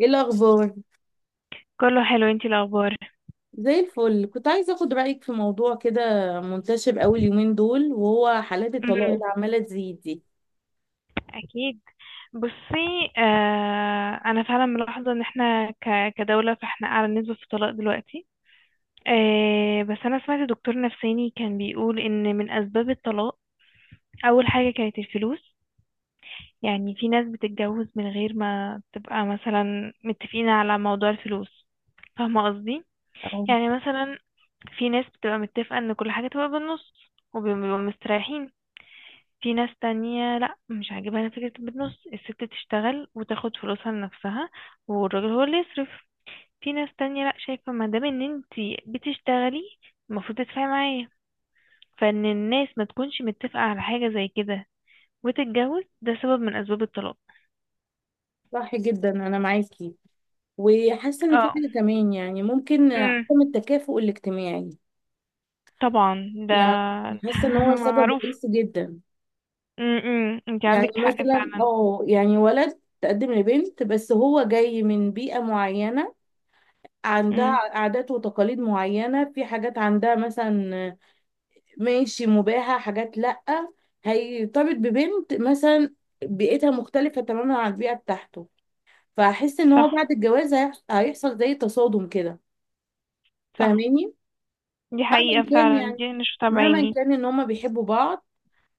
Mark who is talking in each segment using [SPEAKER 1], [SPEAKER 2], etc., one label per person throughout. [SPEAKER 1] ايه الاخبار؟
[SPEAKER 2] كله حلو، انتي الاخبار؟
[SPEAKER 1] زي الفل. كنت عايزه اخد رايك في موضوع كده منتشر قوي اليومين دول، وهو حالات الطلاق
[SPEAKER 2] امم.
[SPEAKER 1] اللي عماله تزيد دي.
[SPEAKER 2] اكيد. بصي، انا فعلا ملاحظه ان احنا كدوله فاحنا اعلى نسبه في الطلاق دلوقتي. آه، بس انا سمعت دكتور نفساني كان بيقول ان من اسباب الطلاق اول حاجه كانت الفلوس. يعني في ناس بتتجوز من غير ما تبقى مثلا متفقين على موضوع الفلوس، فاهمه قصدي؟
[SPEAKER 1] أو،
[SPEAKER 2] يعني مثلا في ناس بتبقى متفقه ان كل حاجه تبقى بالنص وبيبقوا مستريحين. في ناس تانية لا، مش عاجبها أنا فكرة بالنص، الست تشتغل وتاخد فلوسها لنفسها والراجل هو اللي يصرف. في ناس تانية لا، شايفة ما دام ان انتي بتشتغلي المفروض تدفعي معايا. فان الناس ما تكونش متفقة على حاجة زي كده وتتجوز، ده سبب من اسباب الطلاق.
[SPEAKER 1] صح جدا، انا معاكي. وحاسه ان في
[SPEAKER 2] اه.
[SPEAKER 1] حاجه كمان، يعني ممكن
[SPEAKER 2] امم.
[SPEAKER 1] عدم التكافؤ الاجتماعي،
[SPEAKER 2] طبعا ده
[SPEAKER 1] يعني
[SPEAKER 2] ده
[SPEAKER 1] حاسه ان هو سبب
[SPEAKER 2] معروف.
[SPEAKER 1] رئيسي جدا.
[SPEAKER 2] امم، انتي
[SPEAKER 1] يعني
[SPEAKER 2] عندك حق
[SPEAKER 1] مثلا،
[SPEAKER 2] فعلا.
[SPEAKER 1] يعني ولد تقدم لبنت، بس هو جاي من بيئه معينه عندها
[SPEAKER 2] امم.
[SPEAKER 1] عادات وتقاليد معينه، في حاجات عندها مثلا ماشي، مباحة، حاجات لأ. هيرتبط ببنت مثلا بيئتها مختلفة تماما عن البيئة بتاعته، فهحس ان
[SPEAKER 2] صح.
[SPEAKER 1] هو بعد الجواز هيحصل زي تصادم كده،
[SPEAKER 2] صح،
[SPEAKER 1] فاهماني؟
[SPEAKER 2] دي
[SPEAKER 1] مهما
[SPEAKER 2] حقيقة
[SPEAKER 1] كان
[SPEAKER 2] فعلا،
[SPEAKER 1] يعني،
[SPEAKER 2] دي انا شفتها
[SPEAKER 1] مهما
[SPEAKER 2] بعيني.
[SPEAKER 1] كان ان هما بيحبوا بعض،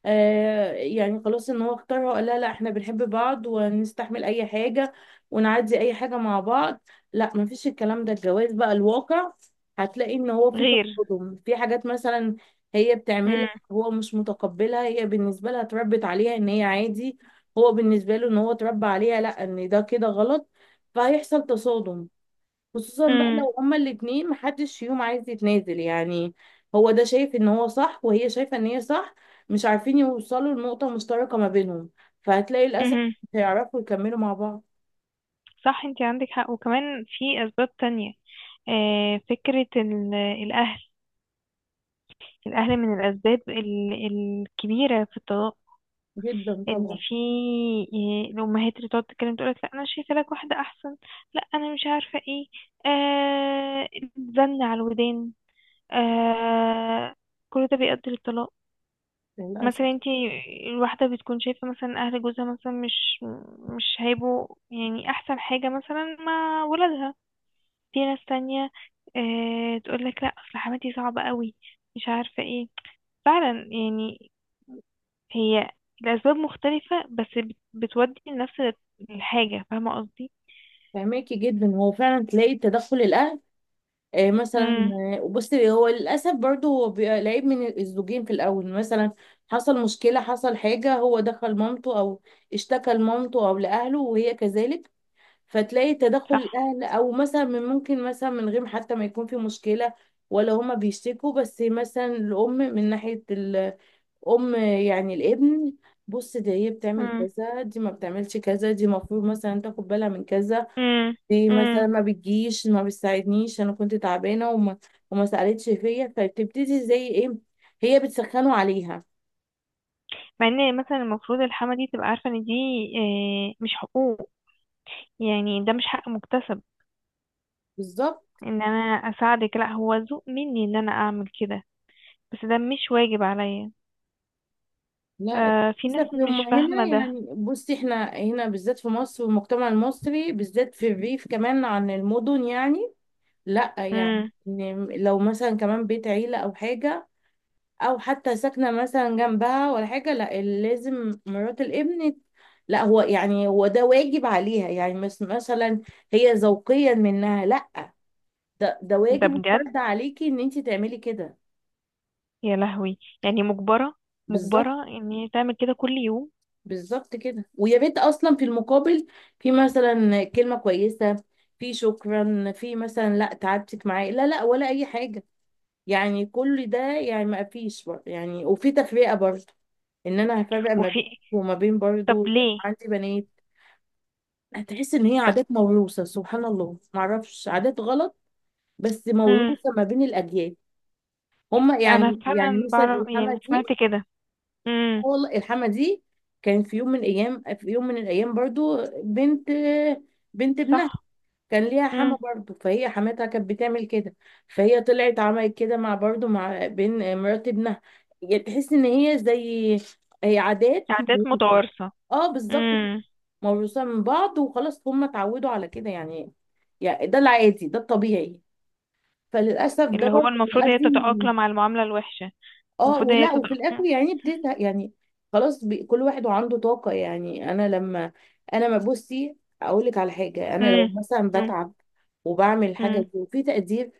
[SPEAKER 1] آه يعني خلاص ان هو اختارها وقال لها لا احنا بنحب بعض ونستحمل اي حاجة ونعدي اي حاجة مع بعض، لا مفيش الكلام ده. الجواز بقى الواقع، هتلاقي ان هو في
[SPEAKER 2] غير.
[SPEAKER 1] تصادم في حاجات مثلا هي بتعملها
[SPEAKER 2] امم.
[SPEAKER 1] هو مش متقبلها. هي بالنسبة لها اتربت عليها ان هي عادي، هو بالنسبة له ان هو اتربى عليها لا، ان ده كده غلط، فهيحصل تصادم. خصوصا بقى لو هما الاتنين محدش فيهم عايز يتنازل، يعني هو ده شايف ان هو صح وهي شايفة ان هي صح، مش عارفين يوصلوا لنقطة مشتركة ما بينهم، فهتلاقي للأسف
[SPEAKER 2] امم.
[SPEAKER 1] مش هيعرفوا يكملوا مع بعض.
[SPEAKER 2] صح، انت عندك حق، وكمان في اسباب تانية. آه، فكرة الاهل، الاهل من الاسباب الكبيرة في الطلاق.
[SPEAKER 1] جدا
[SPEAKER 2] ان
[SPEAKER 1] طبعا.
[SPEAKER 2] في آه، الامهات اللي تقعد تتكلم تقولك لا انا شايفه لك واحده احسن، لا انا مش عارفه ايه. آه، زن على الودان. آه، كل ده بيؤدي للطلاق. مثلا
[SPEAKER 1] للأسف.
[SPEAKER 2] انت الواحده بتكون شايفه مثلا اهل جوزها مثلا مش هيبقوا يعني احسن حاجه مثلا مع ولادها. في ناس تانية آه، تقول لك لا اصل حماتي صعبة قوي، مش عارفة ايه. فعلا يعني، هي الأسباب مختلفة بس بتودي لنفس الحاجة، فاهمة قصدي؟
[SPEAKER 1] فهماكي جدا. هو فعلا تلاقي تدخل الأهل، آه مثلا.
[SPEAKER 2] امم.
[SPEAKER 1] آه، بصي، هو للأسف برضه هو بيبقى العيب من الزوجين في الأول. مثلا حصل مشكلة، حصل حاجة، هو دخل مامته أو اشتكى لمامته أو لأهله، وهي كذلك. فتلاقي تدخل
[SPEAKER 2] صح.
[SPEAKER 1] الاهل، او مثلا من ممكن مثلا من غير حتى ما يكون في مشكله ولا هما بيشتكوا، بس مثلا الام من ناحيه الام، يعني الابن، بص دي هي بتعمل
[SPEAKER 2] امم.
[SPEAKER 1] كذا، دي ما بتعملش كذا، دي المفروض مثلا تاخد بالها من كذا،
[SPEAKER 2] امم.
[SPEAKER 1] دي
[SPEAKER 2] امم.
[SPEAKER 1] مثلا ما بتجيش ما بتساعدنيش انا كنت تعبانه وما وما سالتش فيا، فبتبتدي زي ايه، هي بتسخنه عليها.
[SPEAKER 2] مع ان مثلا المفروض الحما دي تبقى عارفة ان دي آه، مش حقوق. يعني ده مش حق مكتسب
[SPEAKER 1] بالظبط.
[SPEAKER 2] ان انا اساعدك، لا هو ذوق مني ان انا اعمل كده، بس ده مش واجب عليا.
[SPEAKER 1] لا.
[SPEAKER 2] آه، في ناس
[SPEAKER 1] للأسف، هم
[SPEAKER 2] مش
[SPEAKER 1] هنا
[SPEAKER 2] فاهمة ده.
[SPEAKER 1] يعني، بصي احنا هنا بالذات في مصر، والمجتمع المصري بالذات في الريف كمان عن المدن، يعني لا يعني
[SPEAKER 2] امم.
[SPEAKER 1] إن لو مثلا كمان بيت عيلة أو حاجة أو حتى ساكنة مثلا جنبها ولا حاجة، لا لازم مرات الابن، لا هو يعني هو ده واجب عليها، يعني مس مثلا هي ذوقيا منها، لا ده ده
[SPEAKER 2] ده
[SPEAKER 1] واجب
[SPEAKER 2] بجد،
[SPEAKER 1] وفرض عليكي ان انت تعملي كده.
[SPEAKER 2] يا لهوي يعني مجبرة،
[SPEAKER 1] بالظبط.
[SPEAKER 2] مجبرة ان هي تعمل كده كل يوم.
[SPEAKER 1] بالظبط كده. ويا ريت اصلا في المقابل في مثلا كلمه كويسه، في شكرا، في مثلا لا تعبتك معايا، لا لا، ولا اي حاجه. يعني كل ده يعني ما فيش يعني. وفي تفرقه برضه، ان انا هفرق ما بين
[SPEAKER 2] وفي.
[SPEAKER 1] وما بين
[SPEAKER 2] طب
[SPEAKER 1] برضه
[SPEAKER 2] ليه.
[SPEAKER 1] عندي بنات. هتحس ان هي
[SPEAKER 2] طب.
[SPEAKER 1] عادات موروثه، سبحان الله، ما اعرفش عادات غلط بس
[SPEAKER 2] مم.
[SPEAKER 1] موروثه ما بين الاجيال. هما
[SPEAKER 2] انا
[SPEAKER 1] يعني، يعني
[SPEAKER 2] فعلا
[SPEAKER 1] مثلا
[SPEAKER 2] بعرف، يعني
[SPEAKER 1] الحمى
[SPEAKER 2] سمعت
[SPEAKER 1] دي،
[SPEAKER 2] كده. امم.
[SPEAKER 1] والله الحما دي كان في يوم من ايام، في يوم من الايام برضو بنت، بنت ابنها
[SPEAKER 2] صح.
[SPEAKER 1] كان ليها حما
[SPEAKER 2] امم.
[SPEAKER 1] برضو، فهي حماتها كانت بتعمل كده، فهي طلعت عملت كده مع برضو مع بين مرات ابنها. يعني تحس ان هي زي، هي عادات
[SPEAKER 2] عادات
[SPEAKER 1] موروثة.
[SPEAKER 2] متوارثة.
[SPEAKER 1] اه بالظبط كده،
[SPEAKER 2] امم.
[SPEAKER 1] موروثة من بعض، وخلاص هم اتعودوا على كده، يعني يعني ده العادي، ده الطبيعي. فللاسف ده
[SPEAKER 2] اللي هو
[SPEAKER 1] برضو
[SPEAKER 2] المفروض هي
[SPEAKER 1] بيؤدي.
[SPEAKER 2] تتأقلم على المعاملة الوحشة.
[SPEAKER 1] اه
[SPEAKER 2] المفروض هي
[SPEAKER 1] ولا، وفي الاخر
[SPEAKER 2] تتأقلم.
[SPEAKER 1] يعني بتزهق، يعني خلاص. كل واحد وعنده طاقه، يعني انا لما انا ما، بصي اقول لك على حاجه، انا لو
[SPEAKER 2] امم.
[SPEAKER 1] مثلا بتعب وبعمل حاجه
[SPEAKER 2] امم.
[SPEAKER 1] دي وفي تقدير،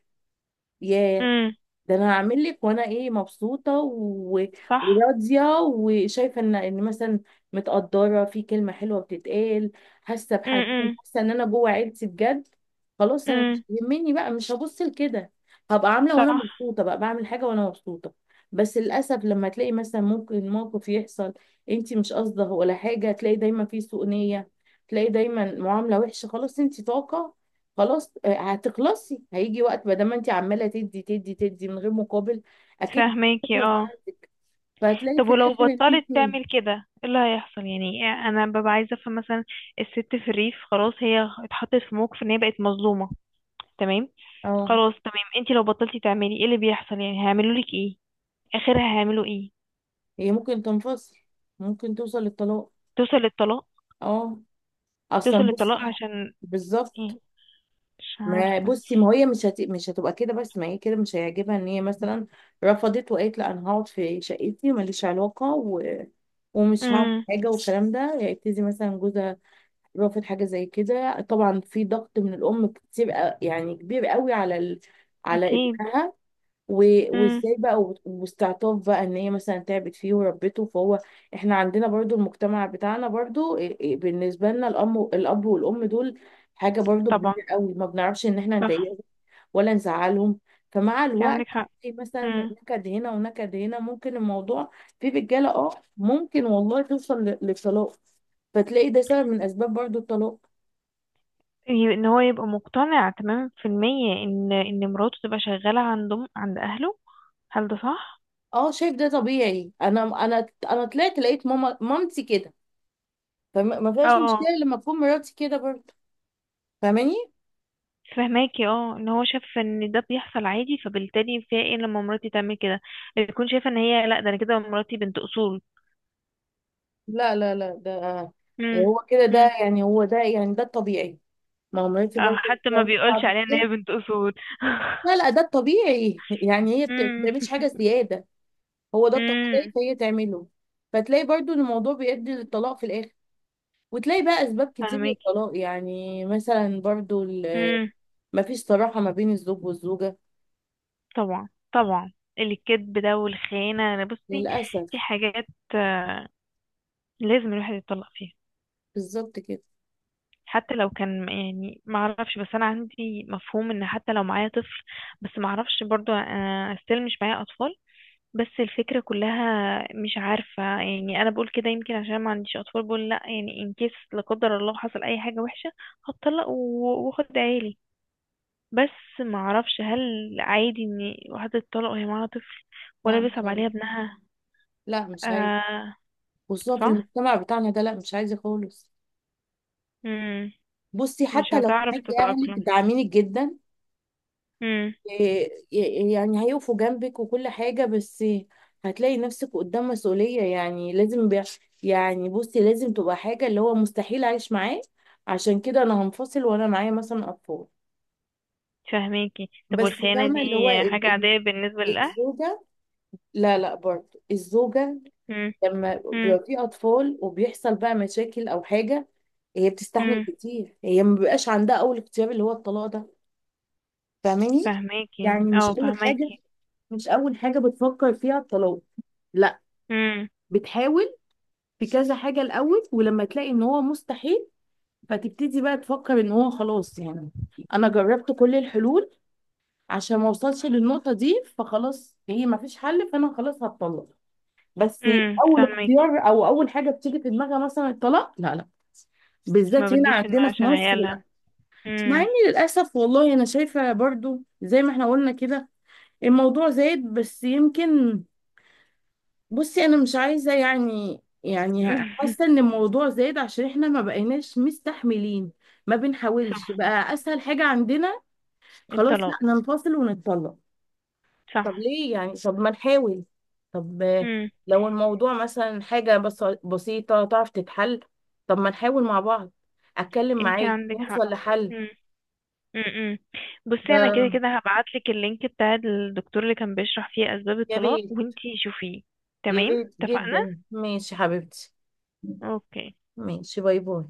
[SPEAKER 1] ياه،
[SPEAKER 2] امم.
[SPEAKER 1] ده انا هعمل لك، وانا ايه مبسوطه و...
[SPEAKER 2] صح.
[SPEAKER 1] وراضيه وشايفه ان ان مثلا متقدره، في كلمه حلوه بتتقال، حاسه بحنين،
[SPEAKER 2] امم.
[SPEAKER 1] حاسه ان انا جوه عيلتي بجد، خلاص انا مش
[SPEAKER 2] امم.
[SPEAKER 1] يهمني بقى، مش هبص لكده، هبقى عامله وانا
[SPEAKER 2] صح.
[SPEAKER 1] مبسوطه بقى، بعمل حاجه وانا مبسوطه. بس للاسف لما تلاقي مثلا ممكن موقف يحصل انت مش قصده ولا حاجه، تلاقي دايما في سوء نيه، تلاقي دايما معامله وحشه، خلاص انت طاقه، خلاص آه، هتخلصي. هيجي وقت، ما دام انت عماله تدي تدي تدي من غير مقابل، اكيد
[SPEAKER 2] فاهماكي
[SPEAKER 1] هتخلص
[SPEAKER 2] اه.
[SPEAKER 1] عندك، فهتلاقي
[SPEAKER 2] طب
[SPEAKER 1] في
[SPEAKER 2] ولو
[SPEAKER 1] الاخر ان
[SPEAKER 2] بطلت
[SPEAKER 1] انت.
[SPEAKER 2] تعمل كده ايه اللي هيحصل؟ يعني انا ببقى عايزه افهم. مثلا الست في الريف خلاص هي اتحطت في موقف ان هي بقت مظلومه، تمام.
[SPEAKER 1] اه.
[SPEAKER 2] خلاص، تمام، انتي لو بطلتي تعملي ايه اللي بيحصل؟ يعني هيعملوا لك ايه؟ اخرها هيعملوا ايه؟
[SPEAKER 1] هي ممكن تنفصل، ممكن توصل للطلاق.
[SPEAKER 2] توصل للطلاق.
[SPEAKER 1] اه. اصلا
[SPEAKER 2] توصل للطلاق
[SPEAKER 1] بصي.
[SPEAKER 2] عشان
[SPEAKER 1] بالظبط.
[SPEAKER 2] ايه؟ مش
[SPEAKER 1] ما
[SPEAKER 2] عارفه.
[SPEAKER 1] بصي ما هي مش هت، مش هتبقى كده، بس ما هي كده مش هيعجبها ان هي مثلا رفضت وقالت لا انا هقعد في شقتي وماليش علاقه و... ومش هعمل
[SPEAKER 2] امم.
[SPEAKER 1] حاجه والكلام ده، يبتدي مثلا جوزها رافض حاجة زي كده. طبعا في ضغط من الأم كتير، يعني كبير قوي على ال... على
[SPEAKER 2] اكيد.
[SPEAKER 1] ابنها، و...
[SPEAKER 2] امم.
[SPEAKER 1] وازاي بقى، واستعطاف بقى ان هي مثلا تعبت فيه وربته، فهو احنا عندنا برضو، المجتمع بتاعنا برضو، إيه بالنسبة لنا الأم، الأب والأم دول حاجة برضو
[SPEAKER 2] طبعا.
[SPEAKER 1] كبيرة قوي، ما بنعرفش ان احنا
[SPEAKER 2] صح،
[SPEAKER 1] نضايقهم ولا نزعلهم. فمع
[SPEAKER 2] انت
[SPEAKER 1] الوقت
[SPEAKER 2] عندك حق.
[SPEAKER 1] في مثلا
[SPEAKER 2] امم.
[SPEAKER 1] نكد هنا ونكد هنا، ممكن الموضوع في رجالة اه، ممكن والله توصل للطلاق، فتلاقي ده سبب من اسباب برضو الطلاق.
[SPEAKER 2] ان هو يبقى مقتنع تمام في المية ان مراته تبقى شغاله عندهم عند اهله، هل ده صح؟
[SPEAKER 1] اه شايف ده طبيعي، انا انا طلعت لقيت ماما، مامتي كده، فما فيهاش مشكله
[SPEAKER 2] اه.
[SPEAKER 1] لما تكون مراتي كده برضه. فاهماني؟
[SPEAKER 2] فهماكي اه، ان هو شاف ان ده بيحصل عادي فبالتالي فيها ايه لما مراتي تعمل كده. بتكون شايفه ان هي لا، ده انا كده مراتي بنت اصول.
[SPEAKER 1] لا لا لا، ده
[SPEAKER 2] امم.
[SPEAKER 1] هو كده، ده
[SPEAKER 2] امم.
[SPEAKER 1] يعني، هو ده يعني ده الطبيعي، ما هو مراتي
[SPEAKER 2] اه،
[SPEAKER 1] برضه
[SPEAKER 2] حتى ما
[SPEAKER 1] بتقعد
[SPEAKER 2] بيقولش
[SPEAKER 1] بعد
[SPEAKER 2] عليها ان
[SPEAKER 1] كده.
[SPEAKER 2] هي بنت اصول.
[SPEAKER 1] لا لا، ده الطبيعي يعني هي ما
[SPEAKER 2] امم.
[SPEAKER 1] بتعملش حاجه زياده، هو ده الطبيعي
[SPEAKER 2] امم.
[SPEAKER 1] فهي تعمله. فتلاقي برضه إن الموضوع بيؤدي للطلاق في الاخر، وتلاقي بقى اسباب كتير
[SPEAKER 2] فهماكي.
[SPEAKER 1] للطلاق، يعني مثلا برضه
[SPEAKER 2] امم.
[SPEAKER 1] ما فيش صراحه ما بين الزوج والزوجه.
[SPEAKER 2] طبعا طبعا، الكذب ده والخيانه. انا بصي
[SPEAKER 1] للاسف.
[SPEAKER 2] في حاجات آه، لازم الواحد يتطلق فيها.
[SPEAKER 1] بالظبط كده.
[SPEAKER 2] حتى لو كان يعني ما اعرفش، بس انا عندي مفهوم ان حتى لو معايا طفل، بس ما اعرفش برضو آه، استيل مش معايا اطفال، بس الفكرة كلها مش عارفة. يعني أنا بقول كده يمكن عشان ما عنديش أطفال بقول لأ، يعني إن كيس لا قدر الله حصل أي حاجة وحشة هتطلق وأخد عيالي. بس ما أعرفش هل عادي إن واحدة تطلق وهي معاها طفل ولا
[SPEAKER 1] لا مش
[SPEAKER 2] بيصعب عليها
[SPEAKER 1] عايز،
[SPEAKER 2] ابنها.
[SPEAKER 1] لا مش عايز،
[SPEAKER 2] آه.
[SPEAKER 1] خصوصا في
[SPEAKER 2] صح؟
[SPEAKER 1] المجتمع بتاعنا ده، لا مش عايزة خالص.
[SPEAKER 2] مم.
[SPEAKER 1] بصي
[SPEAKER 2] مش
[SPEAKER 1] حتى لو
[SPEAKER 2] هتعرف
[SPEAKER 1] معاكي أهلك
[SPEAKER 2] تتأقلم.
[SPEAKER 1] داعمينك جدا،
[SPEAKER 2] مم.
[SPEAKER 1] إيه- يعني هيقفوا جنبك وكل حاجة، بس هتلاقي نفسك قدام مسؤولية، يعني لازم بي، يعني بصي لازم تبقى حاجة اللي هو مستحيل أعيش معاه عشان كده أنا هنفصل وأنا معايا مثلا أطفال.
[SPEAKER 2] فهماكي. طب
[SPEAKER 1] بس
[SPEAKER 2] والخيانة دي
[SPEAKER 1] فاهمة اللي هو
[SPEAKER 2] حاجة عادية بالنسبة للأهل؟
[SPEAKER 1] الزوجة، لا لا برضه الزوجة
[SPEAKER 2] مم.
[SPEAKER 1] لما
[SPEAKER 2] مم.
[SPEAKER 1] بيبقى في اطفال وبيحصل بقى مشاكل او حاجه، هي بتستحمل
[SPEAKER 2] مم.
[SPEAKER 1] كتير، هي ما بيبقاش عندها اول اختيار اللي هو الطلاق ده. فاهماني؟
[SPEAKER 2] فهماكي
[SPEAKER 1] يعني مش
[SPEAKER 2] اه،
[SPEAKER 1] اول حاجه،
[SPEAKER 2] فهماكي.
[SPEAKER 1] مش اول حاجه بتفكر فيها الطلاق، لا.
[SPEAKER 2] امم.
[SPEAKER 1] بتحاول في كذا حاجه الاول، ولما تلاقي ان هو مستحيل، فتبتدي بقى تفكر ان هو خلاص، يعني انا جربت كل الحلول عشان ما اوصلش للنقطه دي، فخلاص هي ما فيش حل، فانا خلاص هتطلق. بس
[SPEAKER 2] امم.
[SPEAKER 1] اول اختيار او اول حاجه بتيجي في دماغها مثلا الطلاق، لا لا،
[SPEAKER 2] ما
[SPEAKER 1] بالذات هنا
[SPEAKER 2] بتجيش في دماغها
[SPEAKER 1] عندنا في
[SPEAKER 2] عشان
[SPEAKER 1] مصر،
[SPEAKER 2] عيالها.
[SPEAKER 1] لا. مع اني
[SPEAKER 2] امم.
[SPEAKER 1] للاسف والله انا شايفه برضو زي ما احنا قلنا كده الموضوع زايد، بس يمكن بصي انا مش عايزه يعني، يعني حاسه ان الموضوع زايد عشان احنا ما بقيناش مستحملين، ما بنحاولش
[SPEAKER 2] صح.
[SPEAKER 1] بقى، اسهل حاجه عندنا خلاص
[SPEAKER 2] الطلاق.
[SPEAKER 1] لا ننفصل ونتطلق. طب
[SPEAKER 2] صح.
[SPEAKER 1] ليه يعني؟ طب ما نحاول، طب آه،
[SPEAKER 2] امم،
[SPEAKER 1] لو الموضوع مثلا حاجة بس بسيطة تعرف تتحل، طب ما نحاول مع بعض، أتكلم
[SPEAKER 2] انتي
[SPEAKER 1] معاك
[SPEAKER 2] عندك حق.
[SPEAKER 1] نوصل لحل.
[SPEAKER 2] امم. امم. بصي انا كده
[SPEAKER 1] آه،
[SPEAKER 2] كده هبعتلك اللينك بتاع الدكتور اللي كان بيشرح فيه اسباب
[SPEAKER 1] يا
[SPEAKER 2] الطلاق
[SPEAKER 1] ريت،
[SPEAKER 2] وانتي شوفيه.
[SPEAKER 1] يا
[SPEAKER 2] تمام.
[SPEAKER 1] ريت
[SPEAKER 2] اتفقنا.
[SPEAKER 1] جدا. ماشي حبيبتي،
[SPEAKER 2] اوكي.
[SPEAKER 1] ماشي، باي باي.